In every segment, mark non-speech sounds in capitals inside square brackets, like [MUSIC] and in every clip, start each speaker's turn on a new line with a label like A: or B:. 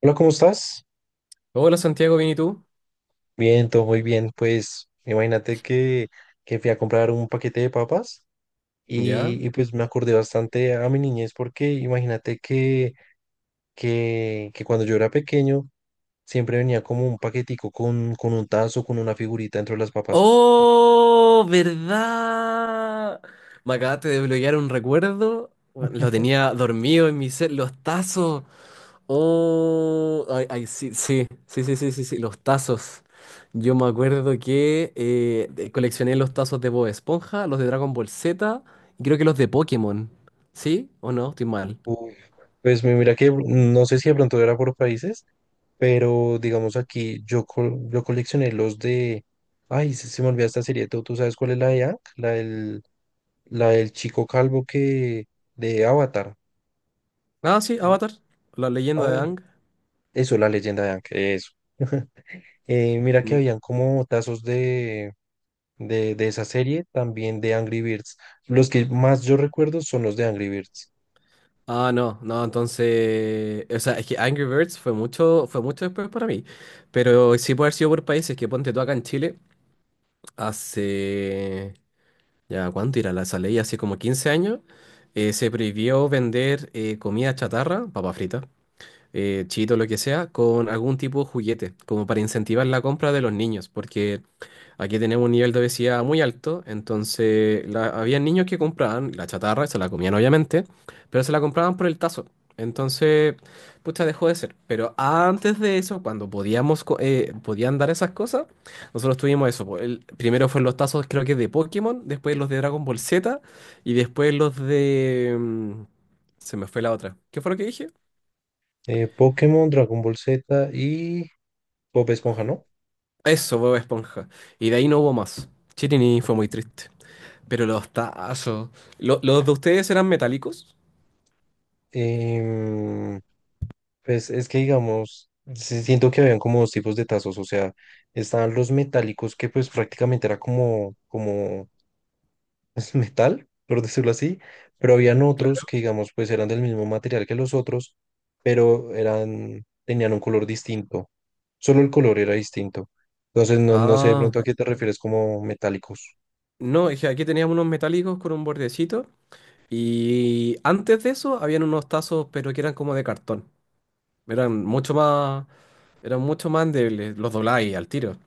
A: Hola, ¿cómo estás?
B: Hola Santiago, ¿bien y tú?
A: Bien, todo muy bien. Pues imagínate que fui a comprar un paquete de papas
B: ¿Ya?
A: pues me acordé bastante a mi niñez porque imagínate que cuando yo era pequeño siempre venía como un paquetico con un tazo, con una figurita dentro de las papas.
B: ¡Oh! ¿Verdad? Me acabaste de bloquear un recuerdo. Bueno, lo tenía dormido en mi ser. Los tazos. ¡Oh! Ay, ay, sí, sí, sí, sí, sí, sí, sí, los tazos. Yo me acuerdo que coleccioné los tazos de Bob Esponja, los de Dragon Ball Z y creo que los de Pokémon. ¿Sí o no? Estoy mal.
A: Uf, Pues mira que no sé si de pronto era por países, pero digamos aquí yo, yo coleccioné los de... Ay, se me olvidó esta serie. Tú sabes cuál es la de Hank? La del chico calvo que de Avatar.
B: Ah, sí, Avatar, la
A: Ah,
B: leyenda de
A: bueno.
B: Aang.
A: Eso, la leyenda de Aang, eso. Mira que habían como tazos de esa serie, también de Angry Birds. Los que más yo recuerdo son los de Angry Birds.
B: Ah, no, no, entonces, o sea, es que Angry Birds fue mucho después para mí, pero sí puede haber sido por países. Que ponte tú acá en Chile, hace, ya, ¿cuánto era la esa ley? Hace como 15 años, se prohibió vender comida chatarra, papa frita, chito, lo que sea, con algún tipo de juguete, como para incentivar la compra de los niños, porque aquí tenemos un nivel de obesidad muy alto. Entonces había niños que compraban la chatarra, se la comían obviamente, pero se la compraban por el tazo. Entonces, pucha, dejó de ser. Pero antes de eso, cuando podíamos, podían dar esas cosas, nosotros tuvimos eso, po. El, primero fueron los tazos, creo que de Pokémon, después los de Dragon Ball Z y después los de... se me fue la otra. ¿Qué fue lo que dije?
A: Pokémon, Dragon Ball Z y Bob Esponja, ¿no?
B: Eso, Bob Esponja. Y de ahí no hubo más. Chirini, fue muy triste. Pero los tazos. ¿Los de ustedes eran metálicos?
A: Em, pues es que digamos, sí siento que habían como dos tipos de tazos, o sea, estaban los metálicos que pues prácticamente era como [LAUGHS] es metal, por decirlo así, pero habían otros
B: Claro.
A: que, digamos, pues eran del mismo material que los otros, pero eran, tenían un color distinto. Solo el color era distinto. Entonces, no sé de
B: Ah,
A: pronto a qué te refieres como metálicos.
B: no, es que aquí teníamos unos metálicos con un bordecito. Y antes de eso habían unos tazos, pero que eran como de cartón. Eran mucho más, Eran mucho más endebles, los dobláis al tiro.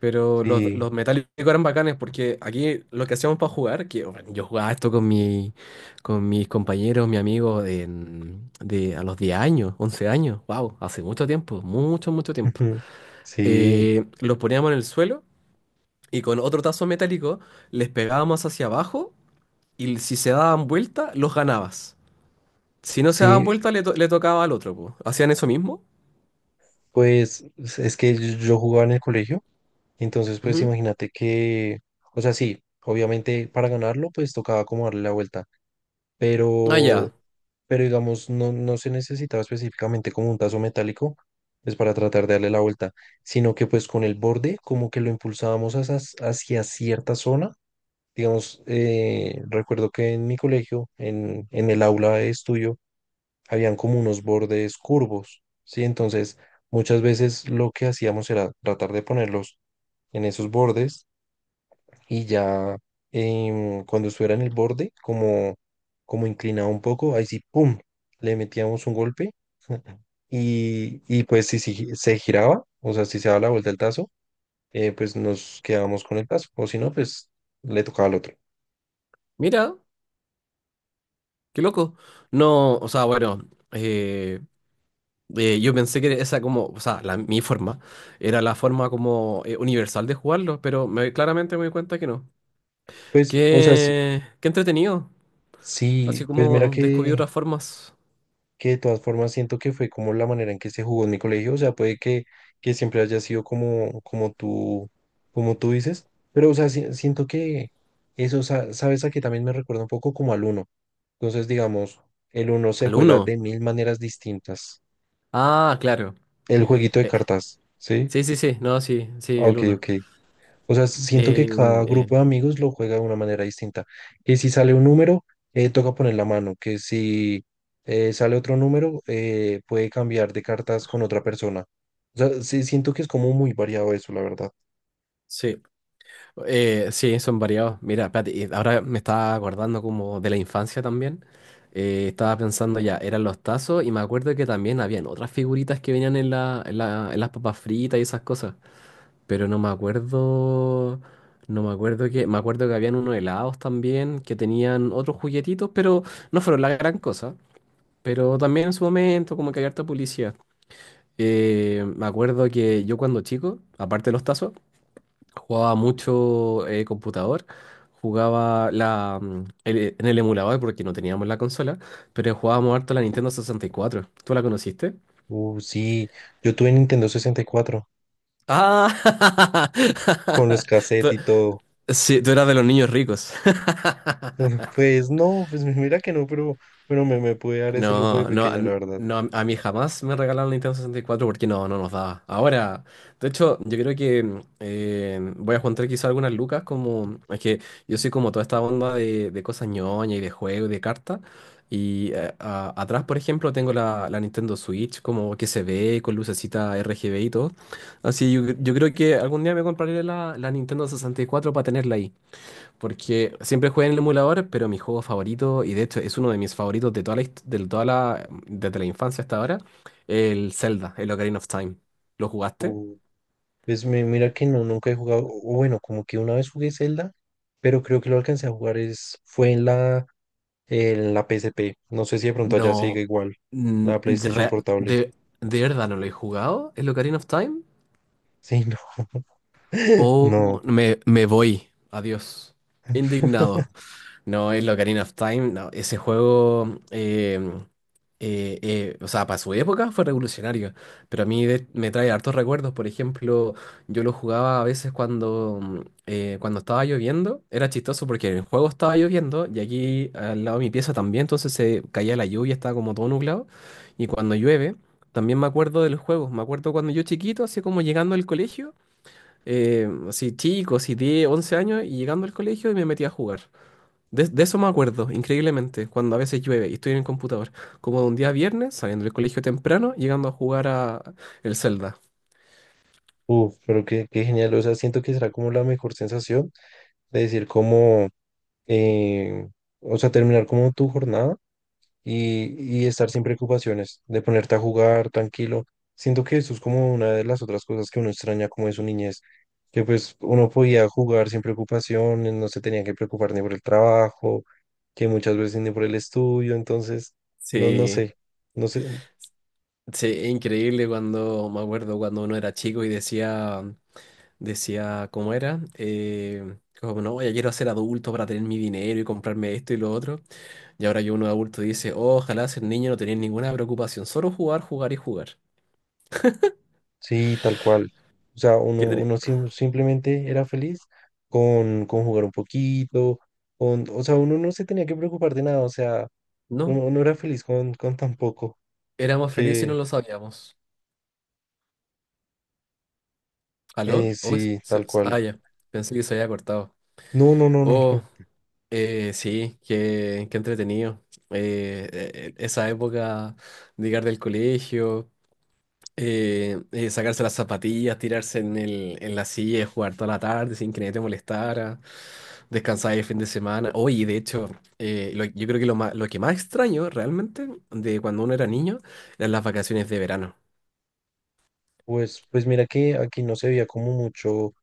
B: Pero
A: Sí,
B: los metálicos eran bacanes, porque aquí lo que hacíamos para jugar, que bueno, yo jugaba esto con mis compañeros, mi amigo, a los 10 años, 11 años. Wow, hace mucho tiempo, mucho, mucho tiempo.
A: [LAUGHS] sí,
B: Los poníamos en el suelo y con otro tazo metálico les pegábamos hacia abajo, y si se daban vuelta, los ganabas. Si no se daban
A: sí,
B: vuelta, le tocaba al otro, po. ¿Hacían eso mismo?
A: pues es que yo jugaba en el colegio, entonces pues
B: Ujú.
A: imagínate que, o sea, sí, obviamente para ganarlo pues tocaba como darle la vuelta,
B: Ah,
A: pero
B: ya.
A: pero digamos, no se necesitaba específicamente como un tazo metálico, pues para tratar de darle la vuelta, sino que pues con el borde como que lo impulsábamos hacia, hacia cierta zona. Digamos, recuerdo que en mi colegio, en el aula de estudio, habían como unos bordes curvos, ¿sí? Entonces, muchas veces lo que hacíamos era tratar de ponerlos en esos bordes y ya cuando estuviera en el borde, como, como inclinado un poco, ahí sí, ¡pum! Le metíamos un golpe [LAUGHS] y pues si se giraba, o sea, si se daba la vuelta el tazo, pues nos quedábamos con el tazo, o si no, pues le tocaba al otro.
B: Mira, qué loco. No, o sea, bueno, yo pensé que esa como, o sea, la- mi forma era la forma como universal de jugarlo, pero claramente me di cuenta que no.
A: Pues, o sea, sí,
B: Qué, qué entretenido.
A: sí,
B: Así
A: pues mira
B: como descubrí otras formas.
A: que de todas formas siento que fue como la manera en que se jugó en mi colegio, o sea, puede que siempre haya sido como, como tú dices, pero o sea, siento que eso, sabes, a que también me recuerda un poco como al uno, entonces digamos, el uno se
B: Al
A: juega
B: uno.
A: de mil maneras distintas,
B: Ah, claro.
A: el jueguito de
B: Eh,
A: cartas, ¿sí?
B: sí, sí, sí, no, sí, sí,
A: Ah,
B: el
A: Ok,
B: uno.
A: ok. O sea, siento
B: Eh,
A: que cada
B: eh,
A: grupo de amigos lo juega de una manera distinta. Que si sale un número, toca poner la mano. Que si sale otro número, puede cambiar de cartas con otra persona. O sea, sí, siento que es como muy variado eso, la verdad.
B: sí, sí, son variados. Mira, espérate, y ahora me estaba acordando como de la infancia también. Estaba pensando, ya, eran los tazos y me acuerdo que también habían otras figuritas que venían en en las papas fritas y esas cosas. Pero no me acuerdo, no me acuerdo me acuerdo que habían unos helados también que tenían otros juguetitos, pero no fueron la gran cosa. Pero también en su momento como que había harta publicidad. Me acuerdo que yo cuando chico, aparte de los tazos, jugaba mucho computador, jugaba en el emulador porque no teníamos la consola, pero jugábamos harto la Nintendo 64. ¿Tú la conociste?
A: Sí, yo tuve Nintendo 64
B: Ah,
A: con los
B: [LAUGHS] tú,
A: cassettes y todo.
B: sí, tú eras de los niños ricos.
A: [LAUGHS] Pues no, pues [LAUGHS] mira que no, pero bueno, me pude dar ese lujo de
B: No, no,
A: pequeño, la verdad.
B: no, a mí jamás me regalaron Nintendo 64 porque no, no nos daba. Ahora, de hecho, yo creo que voy a juntar quizá algunas lucas, como es que yo soy como toda esta onda de cosas ñoña y de juego y de cartas. Y atrás, por ejemplo, tengo la Nintendo Switch, como que se ve con lucecita RGB y todo. Así yo creo que algún día me compraré la Nintendo 64 para tenerla ahí. Porque siempre jugué en el emulador, pero mi juego favorito, y de hecho es uno de mis favoritos de toda de toda la, desde la infancia hasta ahora, el Zelda, el Ocarina of Time. ¿Lo jugaste?
A: Uh. Pues mira que no, nunca he jugado, o bueno, como que una vez jugué Zelda, pero creo que lo alcancé a jugar es, fue en la P S P No sé si de pronto allá sigue
B: No,
A: igual,
B: mm,
A: la
B: de,
A: PlayStation
B: rea-
A: Portable.
B: de, de verdad no lo he jugado, el Ocarina of Time.
A: Sí, no, [LAUGHS]
B: O
A: no,
B: me voy, adiós. Indignado. No, es lo Ocarina of Time. No, ese juego, o sea, para su época fue revolucionario, pero a mí me trae hartos recuerdos. Por ejemplo, yo lo jugaba a veces cuando estaba lloviendo. Era chistoso porque en el juego estaba lloviendo y aquí al lado de mi pieza también, entonces se caía la lluvia, estaba como todo nublado. Y cuando llueve, también me acuerdo de los juegos. Me acuerdo cuando yo chiquito, así como llegando al colegio, así chico, así 10, 11 años, y llegando al colegio y me metía a jugar. De eso me acuerdo, increíblemente, cuando a veces llueve y estoy en el computador. Como de un día viernes, saliendo del colegio temprano, llegando a jugar a el Zelda.
A: uf, pero qué, qué genial. O sea, siento que será como la mejor sensación de decir como, eh, o sea, terminar como tu jornada y estar sin preocupaciones, de ponerte a jugar tranquilo. Siento que eso es como una de las otras cosas que uno extraña como de su niñez, que pues uno podía jugar sin preocupaciones, no se tenía que preocupar ni por el trabajo, que muchas veces ni por el estudio, entonces, no
B: Sí,
A: sé, no sé,
B: sí, es increíble cuando, me acuerdo cuando uno era chico y decía, decía, ¿cómo era? No, ya quiero ser adulto para tener mi dinero y comprarme esto y lo otro. Y ahora que uno es adulto dice, "Oh, ojalá ser niño, no tener ninguna preocupación, solo jugar, jugar y jugar".
A: sí, tal cual. O sea, uno,
B: Qué tri-
A: uno simplemente era feliz con jugar un poquito, con, o sea, uno no se tenía que preocupar de nada, o sea,
B: No,
A: uno, uno era feliz con tan poco
B: éramos felices y no
A: que,
B: lo sabíamos. ¿Aló? Oh,
A: Sí, tal cual.
B: ya. Pensé que se había cortado.
A: No, no, no, no,
B: Oh,
A: no.
B: sí, qué, qué entretenido. Esa época de llegar del colegio, sacarse las zapatillas, tirarse en en la silla, y jugar toda la tarde sin que nadie te molestara, descansar el fin de semana. Oye, de hecho, yo creo que lo que más extraño realmente de cuando uno era niño eran las vacaciones de verano.
A: Pues, pues mira que aquí no se veía como mucho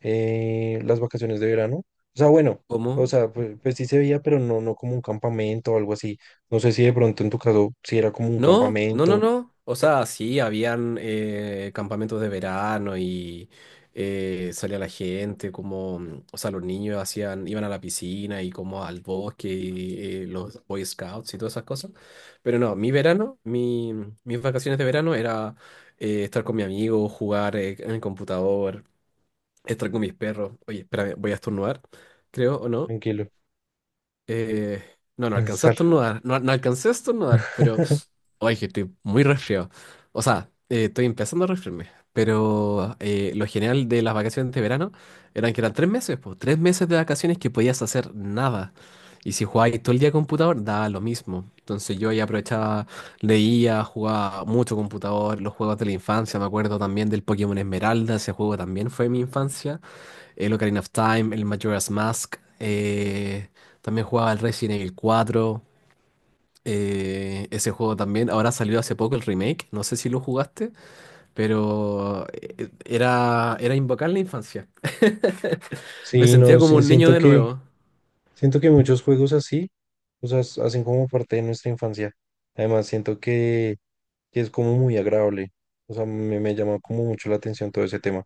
A: las vacaciones de verano. O sea, bueno, o
B: ¿Cómo?
A: sea, pues, pues sí se veía, pero no, no como un campamento o algo así. No sé si de pronto en tu caso sí era como un
B: No, no, no,
A: campamento.
B: no. O sea, sí, habían campamentos de verano y salía la gente, o sea, los niños hacían, iban a la piscina y como al bosque, y, los Boy Scouts y todas esas cosas. Pero no, mi verano, mi, mm, mis vacaciones de verano era estar con mi amigo, jugar en el computador, estar con mis perros. Oye, espérame, voy a estornudar, creo, ¿o no?
A: Tranquilo.
B: Eh, no, no alcancé a
A: Pensar.
B: estornudar. No, no alcancé a estornudar, pero.
A: [LAUGHS]
B: Oye, que estoy muy resfriado. O sea, estoy empezando a resfriarme. Pero lo genial de las vacaciones de verano eran que eran 3 meses, pues. 3 meses de vacaciones que podías hacer nada. Y si jugabas todo el día computador, daba lo mismo. Entonces yo ahí aprovechaba, leía, jugaba mucho computador, los juegos de la infancia. Me acuerdo también del Pokémon Esmeralda, ese juego también fue mi infancia, el Ocarina of Time, el Majora's Mask. También jugaba el Resident Evil 4. Ese juego también. Ahora salió hace poco el remake. No sé si lo jugaste, pero era invocar la infancia. [LAUGHS] Me
A: Sí,
B: sentía
A: no,
B: como
A: sí,
B: un niño de nuevo.
A: siento que muchos juegos así, o sea, hacen como parte de nuestra infancia. Además, siento que es como muy agradable. O sea, me llama como mucho la atención todo ese tema.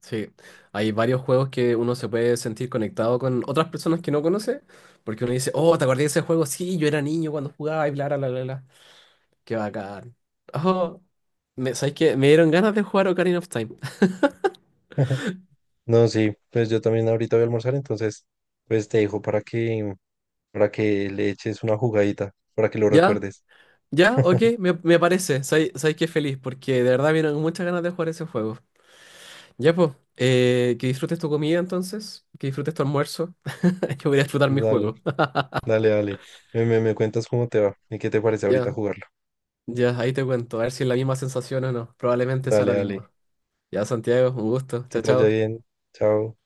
B: Sí, hay varios juegos que uno se puede sentir conectado con otras personas que no conoce, porque uno dice, oh, ¿te acordás de ese juego? Sí, yo era niño cuando jugaba y bla, bla, bla, bla, bla. Qué bacán. Oh, ¿sabes qué? Me dieron ganas de jugar Ocarina of Time.
A: [LAUGHS] No, sí, pues yo también ahorita voy a almorzar, entonces pues te dejo para que le eches una jugadita, para que lo
B: Ya,
A: recuerdes.
B: ya, ok, me parece. Sabes que feliz, porque de verdad vienen muchas ganas de jugar ese juego. Ya, pues, que disfrutes tu comida entonces, que disfrutes tu almuerzo. [LAUGHS] Yo voy a disfrutar mi
A: Dale,
B: juego. [LAUGHS]
A: dale, dale. Me cuentas cómo te va y qué te parece ahorita
B: Ya,
A: jugarlo.
B: ya, ahí te cuento, a ver si es la misma sensación o no. Probablemente sea
A: Dale,
B: la
A: dale.
B: misma. Ya, Santiago, un gusto.
A: Que
B: Chao,
A: te vaya
B: chao.
A: bien. Chao.